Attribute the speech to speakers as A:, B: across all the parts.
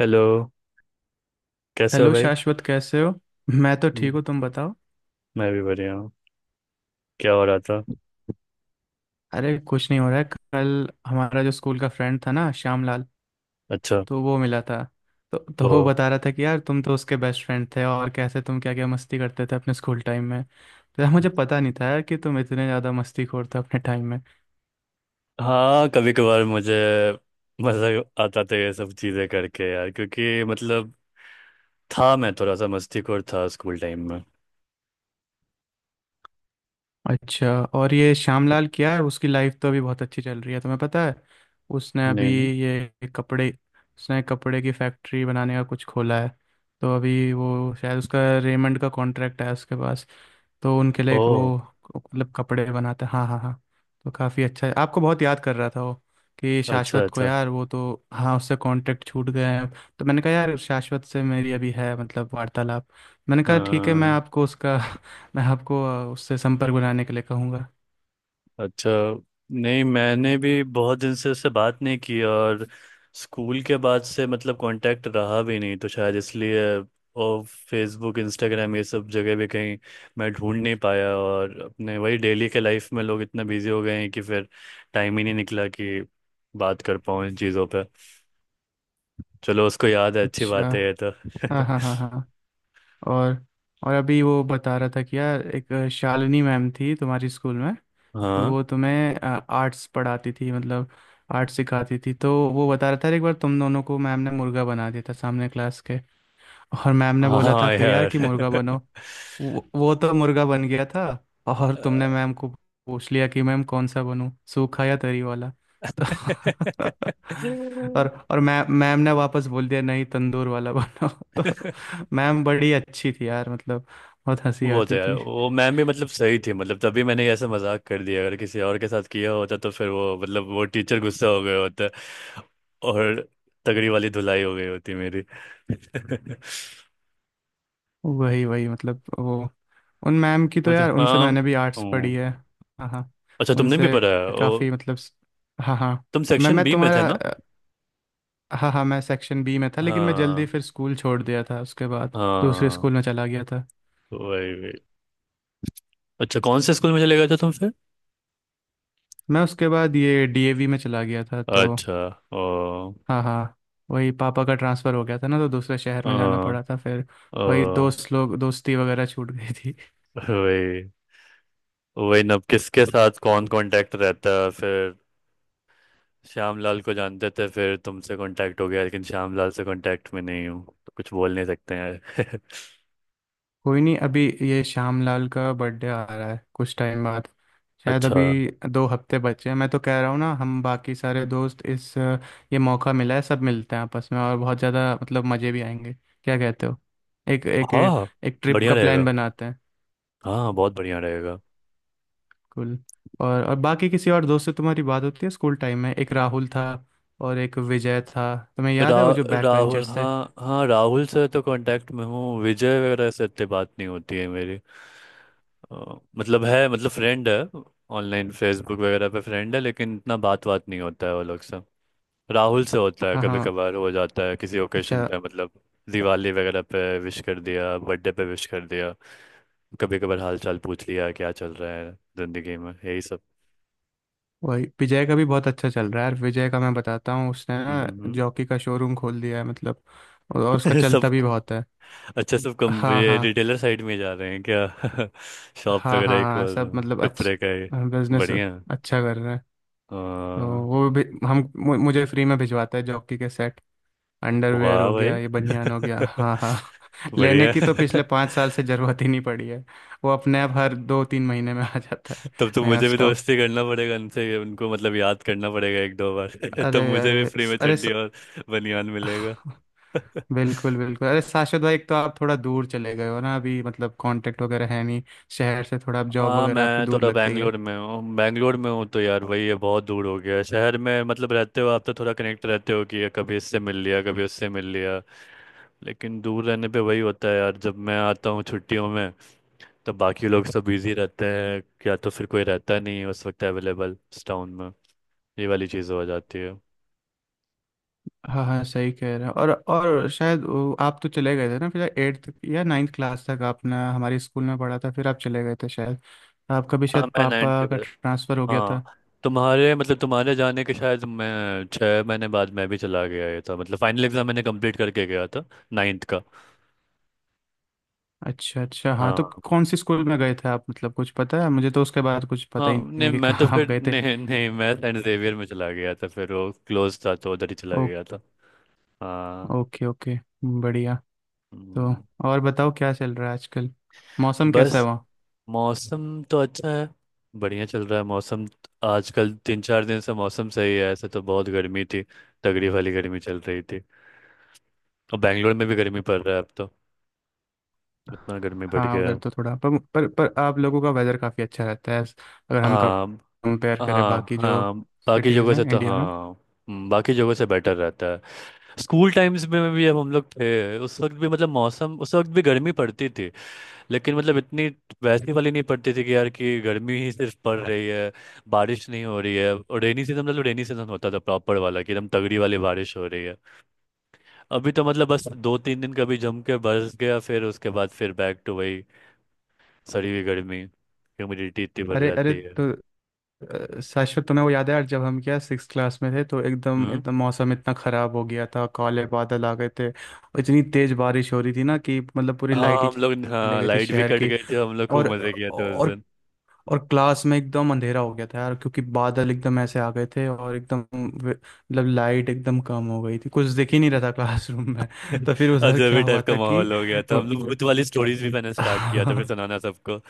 A: Hello. कैसे हो
B: hello
A: भाई?
B: शाश्वत, कैसे हो? मैं तो
A: हम्म,
B: ठीक हूँ, तुम बताओ।
A: मैं भी बढ़िया हूँ। क्या हो रहा था?
B: अरे कुछ नहीं हो रहा है। कल हमारा जो स्कूल का फ्रेंड था ना, श्यामलाल,
A: अच्छा।
B: तो वो मिला था। तो
A: ओ।
B: वो बता रहा था कि यार तुम तो उसके बेस्ट फ्रेंड थे, और कैसे तुम क्या क्या मस्ती करते थे अपने स्कूल टाइम में। तो यार मुझे पता नहीं था यार, कि तुम इतने ज़्यादा मस्ती खोर थे अपने टाइम में।
A: हाँ, कभी कभार मुझे मज़ा आता था ये सब चीज़ें करके यार, क्योंकि मतलब था मैं थोड़ा सा मस्तीखोर था स्कूल टाइम में।
B: अच्छा। और ये श्यामलाल क्या है, उसकी लाइफ तो अभी बहुत अच्छी चल रही है, तुम्हें पता है? उसने अभी
A: नहीं नहीं।
B: ये कपड़े उसने कपड़े की फैक्ट्री बनाने का कुछ खोला है। तो अभी वो शायद उसका रेमंड का कॉन्ट्रैक्ट है उसके पास। तो उनके लिए वो,
A: ओ
B: मतलब कपड़े बनाता है। हाँ हाँ हाँ। तो काफ़ी अच्छा है, आपको बहुत याद कर रहा था वो। कि
A: अच्छा।
B: शाश्वत को, यार वो तो हाँ, उससे कॉन्ट्रैक्ट छूट गए हैं। तो मैंने कहा यार शाश्वत से मेरी अभी है मतलब वार्तालाप। मैंने
A: अच्छा
B: कहा ठीक है, मैं आपको उससे संपर्क बनाने के लिए कहूँगा।
A: अच्छा। नहीं, मैंने भी बहुत दिन से उससे बात नहीं की, और स्कूल के बाद से मतलब कांटेक्ट रहा भी नहीं, तो शायद इसलिए। और फेसबुक इंस्टाग्राम ये सब जगह भी कहीं मैं ढूंढ नहीं पाया, और अपने वही डेली के लाइफ में लोग इतना बिजी हो गए हैं कि फिर टाइम ही नहीं निकला कि बात कर पाऊँ इन चीज़ों पे। चलो, उसको याद है, अच्छी
B: अच्छा।
A: बात है ये तो।
B: हाँ हाँ हाँ हाँ। और और अभी वो बता रहा था कि यार, एक शालिनी मैम थी तुम्हारी स्कूल में। तो
A: हाँ।
B: वो तुम्हें आर्ट्स पढ़ाती थी, मतलब आर्ट्स सिखाती थी। तो वो बता रहा था एक बार तुम दोनों को मैम ने मुर्गा बना दिया था सामने क्लास के। और मैम ने बोला था
A: हाँ
B: फिर यार कि मुर्गा बनो। वो तो मुर्गा बन गया था। और तुमने
A: यार।
B: मैम को पूछ लिया कि मैम कौन सा बनूं, सूखा या तरी वाला? तो और और मैम मैम ने वापस बोल दिया, नहीं तंदूर वाला बनो तो मैम बड़ी अच्छी थी यार, मतलब बहुत हंसी
A: वो तो
B: आती
A: यार
B: थी।
A: वो मैम भी मतलब सही थी, मतलब तभी मैंने ऐसा मजाक कर दिया, अगर किसी और के साथ किया होता तो फिर वो मतलब वो टीचर गुस्सा हो गया होता और तगड़ी वाली धुलाई हो गई होती मेरी।
B: वही वही मतलब वो, उन मैम की तो
A: वो तो
B: यार, उनसे
A: हाँ।
B: मैंने भी आर्ट्स पढ़ी
A: हम्म।
B: है। हाँ हाँ
A: अच्छा, तुमने भी
B: उनसे
A: पढ़ा है? ओ,
B: काफ़ी मतलब हाँ हाँ।
A: तुम
B: मैं
A: सेक्शन
B: मैं
A: बी में थे ना?
B: तुम्हारा, हाँ हाँ, मैं सेक्शन बी में था, लेकिन मैं जल्दी
A: हाँ
B: फिर स्कूल छोड़ दिया था, उसके बाद दूसरे
A: हाँ।
B: स्कूल में चला गया था।
A: वही वही। अच्छा, कौन से स्कूल में चले गए थे तुम फिर?
B: मैं उसके बाद ये डीएवी में चला गया था, तो
A: अच्छा। ओ।
B: हाँ हाँ। वही पापा का ट्रांसफ़र हो गया था ना, तो दूसरे शहर में जाना
A: ओ।
B: पड़ा था फिर।
A: ओ
B: वही दोस्त लोग, दोस्ती वगैरह छूट गई।
A: वही। वही ना, अब किसके साथ कौन कांटेक्ट रहता है फिर? श्यामलाल को जानते थे, फिर तुमसे कांटेक्ट हो गया, लेकिन श्यामलाल से कांटेक्ट में नहीं हूँ तो कुछ बोल नहीं सकते हैं।
B: कोई नहीं, अभी ये श्यामलाल का बर्थडे आ रहा है कुछ टाइम बाद। शायद
A: अच्छा।
B: अभी 2 हफ्ते बचे हैं, मैं तो कह रहा हूँ ना, हम बाकी सारे दोस्त इस ये मौका मिला है, सब मिलते हैं आपस में, और बहुत ज़्यादा मतलब मज़े भी आएंगे। क्या कहते हो, एक एक
A: हाँ
B: एक ट्रिप
A: बढ़िया
B: का प्लान
A: रहेगा।
B: बनाते हैं।
A: हाँ बहुत बढ़िया रहेगा।
B: कुल, और बाकी किसी और दोस्त से तुम्हारी बात होती है स्कूल टाइम में? एक राहुल था, और एक विजय था, तुम्हें
A: रा,
B: याद है वो जो बैक
A: राहुल।
B: बेंचर्स थे?
A: हाँ हाँ, राहुल से तो कांटेक्ट में हूँ, विजय वगैरह से इतनी बात नहीं होती है मेरी। मतलब है, मतलब फ्रेंड है। ऑनलाइन फेसबुक वगैरह पे फ्रेंड है, लेकिन इतना बात बात नहीं होता है वो लोग से। राहुल से होता है,
B: हाँ
A: कभी
B: हाँ।
A: कभार हो जाता है किसी ओकेशन
B: अच्छा।
A: पे मतलब। दिवाली वगैरह पे विश कर दिया, बर्थडे पे विश कर दिया, कभी कभार हाल चाल पूछ लिया, क्या चल रहा है जिंदगी में, यही सब।
B: वही विजय का भी बहुत अच्छा चल रहा है यार, विजय का मैं बताता हूँ, उसने ना
A: हम्म।
B: जॉकी का शोरूम खोल दिया है मतलब। और उसका चलता
A: सब।
B: भी बहुत है।
A: अच्छा, सब कम
B: हाँ
A: ये
B: हाँ
A: रिटेलर साइड में जा रहे हैं क्या? शॉप
B: हाँ
A: वगैरह
B: हाँ
A: ही
B: हाँ,
A: खोल रहे
B: सब
A: हूँ
B: मतलब
A: कपड़े का ही।
B: अच्छा बिजनेस
A: बढ़िया।
B: अच्छा कर रहे हैं। तो
A: हाँ।
B: वो भी हम मुझे फ्री में भिजवाता है जॉकी के सेट। अंडरवेयर
A: वाह
B: हो
A: भाई।
B: गया, ये बनियान हो गया। हाँ हाँ। लेने
A: बढ़िया।
B: की तो पिछले 5 साल से ज़रूरत ही नहीं पड़ी है। वो अपने आप हर 2-3 महीने में आ जाता है,
A: तब तो
B: नया
A: मुझे भी
B: स्टॉक।
A: दोस्ती करना पड़ेगा उनसे, उनको मतलब याद करना पड़ेगा एक दो बार।
B: अरे
A: तब मुझे भी
B: अरे
A: फ्री में
B: अरे
A: चड्डी और बनियान मिलेगा।
B: स- बिल्कुल बिल्कुल। अरे शाश्वत भाई, एक तो आप थोड़ा दूर चले गए हो ना अभी, मतलब कांटेक्ट वगैरह है नहीं। शहर से थोड़ा आप, जॉब
A: हाँ
B: वगैरह आपकी
A: मैं तो
B: दूर
A: थोड़ा
B: लग गई है।
A: बैंगलोर में हूँ, बैंगलोर में हूँ तो यार वही है बहुत दूर हो गया है। शहर में मतलब रहते हो आप तो थोड़ा कनेक्ट रहते हो कि कभी इससे मिल लिया कभी उससे मिल लिया, लेकिन दूर रहने पे वही होता है यार जब मैं आता हूँ छुट्टियों में तब बाकी लोग सब बिजी रहते हैं या तो फिर कोई रहता नहीं है उस वक्त अवेलेबल टाउन में। ये वाली चीज़ हो जाती है।
B: हाँ हाँ सही कह रहे हैं। और शायद वो, आप तो चले गए थे ना फिर एट्थ या नाइन्थ क्लास तक आपने हमारे स्कूल में पढ़ा था, फिर आप चले गए थे शायद। आपका भी
A: हाँ
B: शायद
A: मैं नाइन्थ के
B: पापा का
A: बाद,
B: ट्रांसफ़र हो गया
A: हाँ,
B: था।
A: तुम्हारे मतलब तुम्हारे जाने के शायद मैं 6 महीने बाद मैं भी चला गया, ये था मतलब फाइनल एग्ज़ाम मैंने कंप्लीट करके गया था नाइन्थ का।
B: अच्छा अच्छा, हाँ तो
A: हाँ।
B: कौन से स्कूल में गए थे आप, मतलब कुछ पता है? मुझे तो उसके बाद कुछ पता
A: हाँ
B: ही नहीं
A: नहीं
B: है कि
A: मैं तो
B: कहाँ आप
A: फिर
B: गए थे।
A: नहीं नहीं मैं सेंट जेवियर में चला गया था, फिर वो क्लोज था तो उधर ही चला
B: ओ,
A: गया था। हाँ।
B: Okay okay. बढ़िया। तो
A: हम्म,
B: और बताओ, क्या चल रहा है आजकल, मौसम कैसा है?
A: बस मौसम तो अच्छा है, बढ़िया चल रहा है मौसम, आजकल 3-4 दिन से मौसम सही है, ऐसे तो बहुत गर्मी थी, तगड़ी वाली गर्मी चल रही थी, और बैंगलोर में भी गर्मी पड़ रहा है अब तो, इतना गर्मी बढ़
B: हाँ
A: गया
B: उधर
A: है।
B: तो थोड़ा पर आप लोगों का वेदर काफ़ी अच्छा रहता है, अगर हम
A: हाँ
B: कंपेयर करें
A: हाँ।
B: बाकी जो
A: हाँ बाकी
B: सिटीज़
A: जगह
B: हैं
A: से तो
B: इंडिया में।
A: हाँ। बाकी जगह से बेटर रहता है। स्कूल टाइम्स में भी हम लोग थे, उस वक्त भी मतलब मौसम उस वक्त भी गर्मी पड़ती थी लेकिन मतलब इतनी वैसी वाली नहीं पड़ती थी कि यार, कि गर्मी ही सिर्फ पड़ रही है, बारिश नहीं हो रही है। और रेनी सीजन मतलब रेनी सीजन होता था प्रॉपर वाला, कि एकदम तगड़ी वाली बारिश हो रही है। अभी तो मतलब बस 2-3 दिन कभी जम के बरस गया, फिर उसके बाद फिर बैक टू वही सड़ी हुई गर्मी, ह्यूमिडिटी इतनी बढ़
B: अरे अरे।
A: जाती है।
B: तो शाश्वत तुम्हें वो याद है यार, जब हम क्या 6 क्लास में थे, तो एकदम
A: हम्म।
B: एकदम मौसम इतना ख़राब हो गया था, काले बादल आ गए थे और इतनी तेज़ बारिश हो रही थी ना, कि मतलब पूरी लाइट
A: हाँ
B: ही
A: हम लोग,
B: चली
A: हाँ,
B: गई थी
A: लाइट भी
B: शहर
A: कट
B: की।
A: गई थी, हम लोग खूब
B: और
A: मजे किया था उस
B: और
A: दिन।
B: और क्लास में एकदम अंधेरा हो गया था यार, क्योंकि बादल एकदम ऐसे आ गए थे और एकदम मतलब लाइट एकदम कम हो गई थी, कुछ दिख ही नहीं रहा था क्लासरूम में तो फिर उधर
A: अजब
B: क्या हुआ
A: टाइप का
B: था कि
A: माहौल हो गया था, हम लोग भूत वाली स्टोरीज भी मैंने स्टार्ट किया था फिर सुनाना सबको,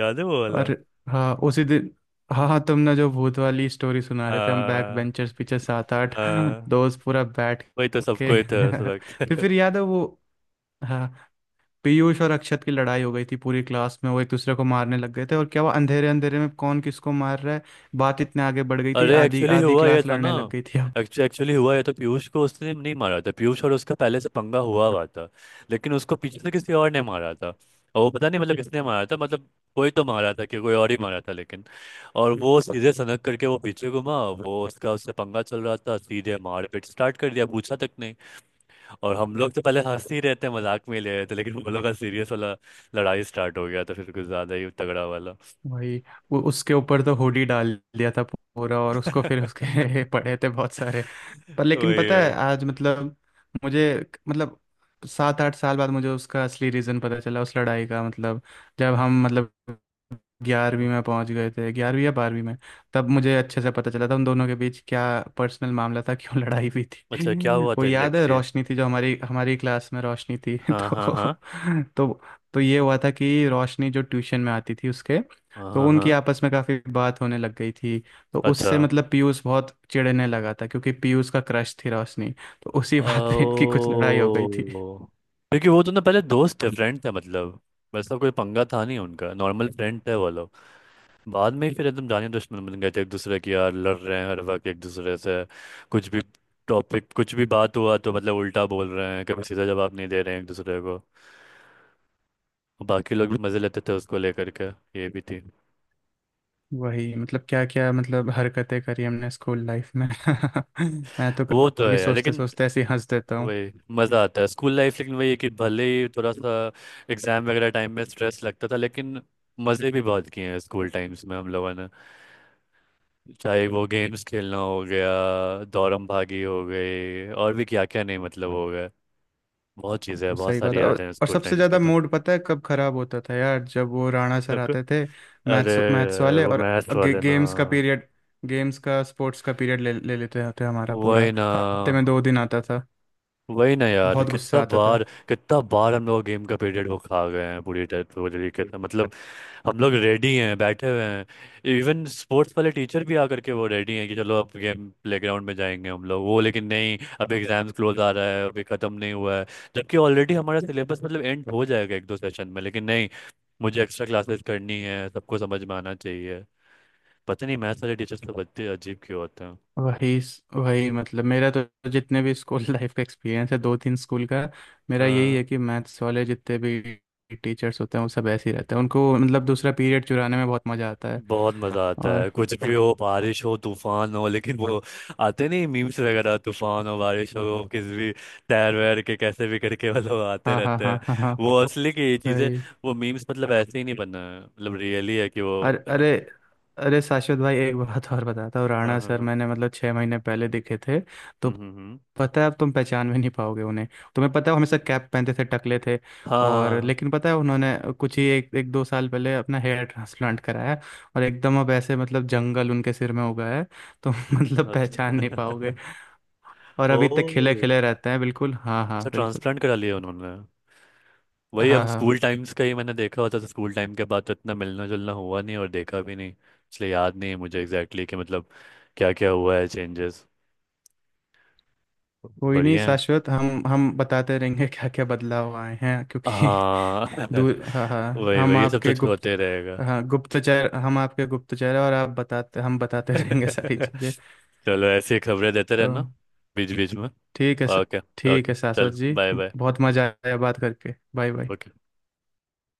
A: याद है वो वाला?
B: और हाँ उसी दिन, हाँ हाँ तुमने जो भूत वाली स्टोरी सुना रहे थे, हम बैक
A: हाँ
B: बेंचर्स पीछे सात आठ
A: हाँ,
B: दोस्त पूरा बैठ
A: वही तो
B: के
A: सबको ही था उस वक्त।
B: फिर याद है वो, हाँ, पीयूष और अक्षत की लड़ाई हो गई थी पूरी क्लास में, वो एक दूसरे को मारने लग गए थे, और क्या वो अंधेरे अंधेरे में कौन किसको मार रहा है। बात इतने आगे बढ़ गई थी,
A: अरे
B: आधी
A: एक्चुअली
B: आधी
A: हुआ ये
B: क्लास
A: था ना,
B: लड़ने लग गई थी।
A: एक्चुअली हुआ ये तो पीयूष को उसने नहीं मारा था, पीयूष और उसका पहले से पंगा हुआ हुआ था, लेकिन उसको पीछे से किसी और ने मारा था और वो पता नहीं मतलब किसने मारा था, मतलब कोई तो मारा था कि कोई और ही मारा था लेकिन, और वो सीधे सनक करके वो पीछे घुमा, वो उसका उससे पंगा चल रहा था, सीधे मारपीट स्टार्ट कर दिया पूछा तक नहीं। और हम लोग तो पहले हंस ही रहते मजाक में ही ले रहे थे, लेकिन वो लोग का सीरियस वाला लड़ाई स्टार्ट हो गया था फिर कुछ ज्यादा ही तगड़ा वाला।
B: वही वो उसके ऊपर तो हुडी डाल दिया था पूरा, और उसको फिर उसके पड़े थे बहुत सारे। पर लेकिन
A: वही
B: पता
A: वही।
B: है आज मतलब मुझे, मतलब 7-8 साल बाद मुझे उसका असली रीज़न पता चला उस लड़ाई का, मतलब जब हम मतलब 11वीं में पहुंच गए थे, 11वीं या 12वीं में, तब मुझे अच्छे से पता चला था उन दोनों के बीच क्या पर्सनल मामला था क्यों लड़ाई हुई
A: अच्छा, क्या
B: थी
A: हुआ
B: वो
A: था
B: याद है
A: एग्जैक्टली?
B: रोशनी थी, जो हमारी हमारी क्लास में रोशनी थी
A: हाँ हाँ
B: तो
A: हाँ
B: तो तो ये हुआ था कि रोशनी जो ट्यूशन में आती थी उसके,
A: हाँ
B: तो
A: हाँ
B: उनकी
A: हाँ।
B: आपस में काफ़ी बात होने लग गई थी। तो
A: अच्छा।
B: उससे मतलब पीयूष बहुत चिढ़ने लगा था, क्योंकि पीयूष का क्रश थी रोशनी। तो उसी बात पे इनकी कुछ लड़ाई हो गई
A: ओ,
B: थी।
A: क्योंकि वो तो ना पहले दोस्त थे, फ्रेंड थे मतलब, वैसा कोई पंगा था नहीं उनका, नॉर्मल फ्रेंड थे वो लोग। बाद में ही फिर एकदम जाने दुश्मन बन गए थे एक दूसरे की, यार लड़ रहे हैं हर वक्त एक दूसरे से, कुछ भी टॉपिक कुछ भी बात हुआ तो मतलब उल्टा बोल रहे हैं, कभी सीधा जवाब नहीं दे रहे हैं एक दूसरे को। बाकी लोग भी मजे लेते थे उसको लेकर के, ये भी थी।
B: वही मतलब क्या क्या, मतलब हरकतें करी हमने स्कूल लाइफ में मैं तो
A: वो तो है
B: कभी
A: यार,
B: सोचते
A: लेकिन
B: सोचते ऐसे ही हंस देता हूँ।
A: वही मज़ा आता है स्कूल लाइफ, लेकिन वही है कि भले ही थोड़ा सा एग्जाम वगैरह टाइम में स्ट्रेस लगता था, लेकिन मज़े भी बहुत किए हैं स्कूल टाइम्स में हम लोगों ने। चाहे वो गेम्स खेलना हो गया, दौड़म भागी हो गई, और भी क्या क्या नहीं मतलब हो गया, बहुत चीज़ें हैं, बहुत
B: सही बात
A: सारी
B: है।
A: यादें हैं
B: और
A: स्कूल
B: सबसे
A: टाइम्स के
B: ज़्यादा
A: तो।
B: मूड पता है कब खराब होता था यार, जब वो राणा सर
A: आपको।
B: आते थे।
A: अरे
B: मैथ्स मैथ्स वाले,
A: वो
B: और
A: मैथ वाले ना।
B: गेम्स का पीरियड, गेम्स का स्पोर्ट्स का पीरियड ले ले लेते थे हमारा पूरा।
A: वही ना।
B: हफ्ते में 2 दिन आता था,
A: वही ना यार,
B: बहुत
A: कितना
B: गुस्सा आता था।
A: बार, कितना बार हम लोग गेम का पीरियड वो खा गए हैं पूरी टाइप पूरी तरीके से मतलब, हम लोग रेडी हैं बैठे हुए हैं, इवन स्पोर्ट्स वाले टीचर भी आकर के वो रेडी हैं कि चलो अब गेम प्लेग्राउंड में जाएंगे हम लोग वो, लेकिन नहीं, अब एग्जाम्स क्लोज आ रहा है, अभी ख़त्म नहीं हुआ है, जबकि ऑलरेडी हमारा सिलेबस मतलब एंड हो जाएगा एक दो सेशन में, लेकिन नहीं, मुझे एक्स्ट्रा क्लासेस करनी है, सबको समझ में आना चाहिए। पता नहीं मैथ्स वाले टीचर्स तो बच्चे अजीब क्यों होते
B: वही वही मतलब मेरा तो, जितने भी स्कूल लाइफ का एक्सपीरियंस है दो तीन स्कूल का, मेरा यही
A: हैं।
B: है कि मैथ्स वाले जितने भी टीचर्स होते हैं, वो सब ऐसे ही रहते हैं, उनको मतलब दूसरा पीरियड चुराने में बहुत मज़ा आता है।
A: बहुत मजा आता
B: और
A: है, कुछ भी हो, बारिश हो तूफान हो लेकिन वो आते नहीं। मीम्स वगैरह तूफान हो बारिश हो किस भी तैर वैर के कैसे भी करके वो लोग आते
B: हाँ हाँ
A: रहते
B: हाँ
A: हैं,
B: हाँ हाँ
A: वो असली की ये चीजें,
B: भाई,
A: वो मीम्स मतलब ऐसे ही नहीं बना है, मतलब रियली है कि वो।
B: अरे
A: हाँ
B: अरे। अरे शाश्वत भाई, एक बात और बताता हूँ,
A: हाँ
B: राणा सर
A: हाँ।
B: मैंने मतलब 6 महीने पहले दिखे थे। तो
A: हम्म हम्म हम्म।
B: पता है अब तुम पहचान भी नहीं पाओगे उन्हें। तुम्हें पता है वो हमेशा कैप पहनते थे, टकले थे,
A: हाँ
B: और
A: हाँ।
B: लेकिन पता है उन्होंने कुछ ही एक 1-2 साल पहले अपना हेयर ट्रांसप्लांट कराया, और एकदम अब ऐसे मतलब जंगल उनके सिर में उगा है। तो मतलब
A: हाँ,
B: पहचान नहीं
A: अच्छा।
B: पाओगे। और अभी तक खिले
A: ओ,
B: खिले रहते हैं बिल्कुल, हाँ हाँ
A: अच्छा,
B: बिल्कुल।
A: ट्रांसप्लांट करा लिया उन्होंने। वही,
B: हाँ
A: अब
B: हाँ।
A: स्कूल टाइम्स का ही मैंने देखा होता तो स्कूल टाइम के बाद तो इतना मिलना जुलना हुआ नहीं और देखा भी नहीं, इसलिए याद नहीं है मुझे एग्जैक्टली exactly कि मतलब क्या क्या हुआ है चेंजेस।
B: कोई नहीं
A: बढ़िया है।
B: शाश्वत, हम बताते रहेंगे क्या क्या बदलाव आए हैं क्योंकि
A: हाँ।
B: दूर। हाँ हाँ
A: वही
B: हम
A: वही ये सब
B: आपके
A: तो
B: गुप्त,
A: होते रहेगा।
B: हाँ गुप्तचर, हम आपके गुप्तचर हैं, और आप बताते हम बताते रहेंगे सारी चीज़ें।
A: चलो ऐसी खबरें देते
B: तो
A: रहना बीच बीच में।
B: ठीक है सर।
A: ओके।
B: ठीक
A: ओके
B: है शाश्वत
A: चलो,
B: जी,
A: बाय बाय।
B: बहुत मज़ा आया बात करके, बाय बाय।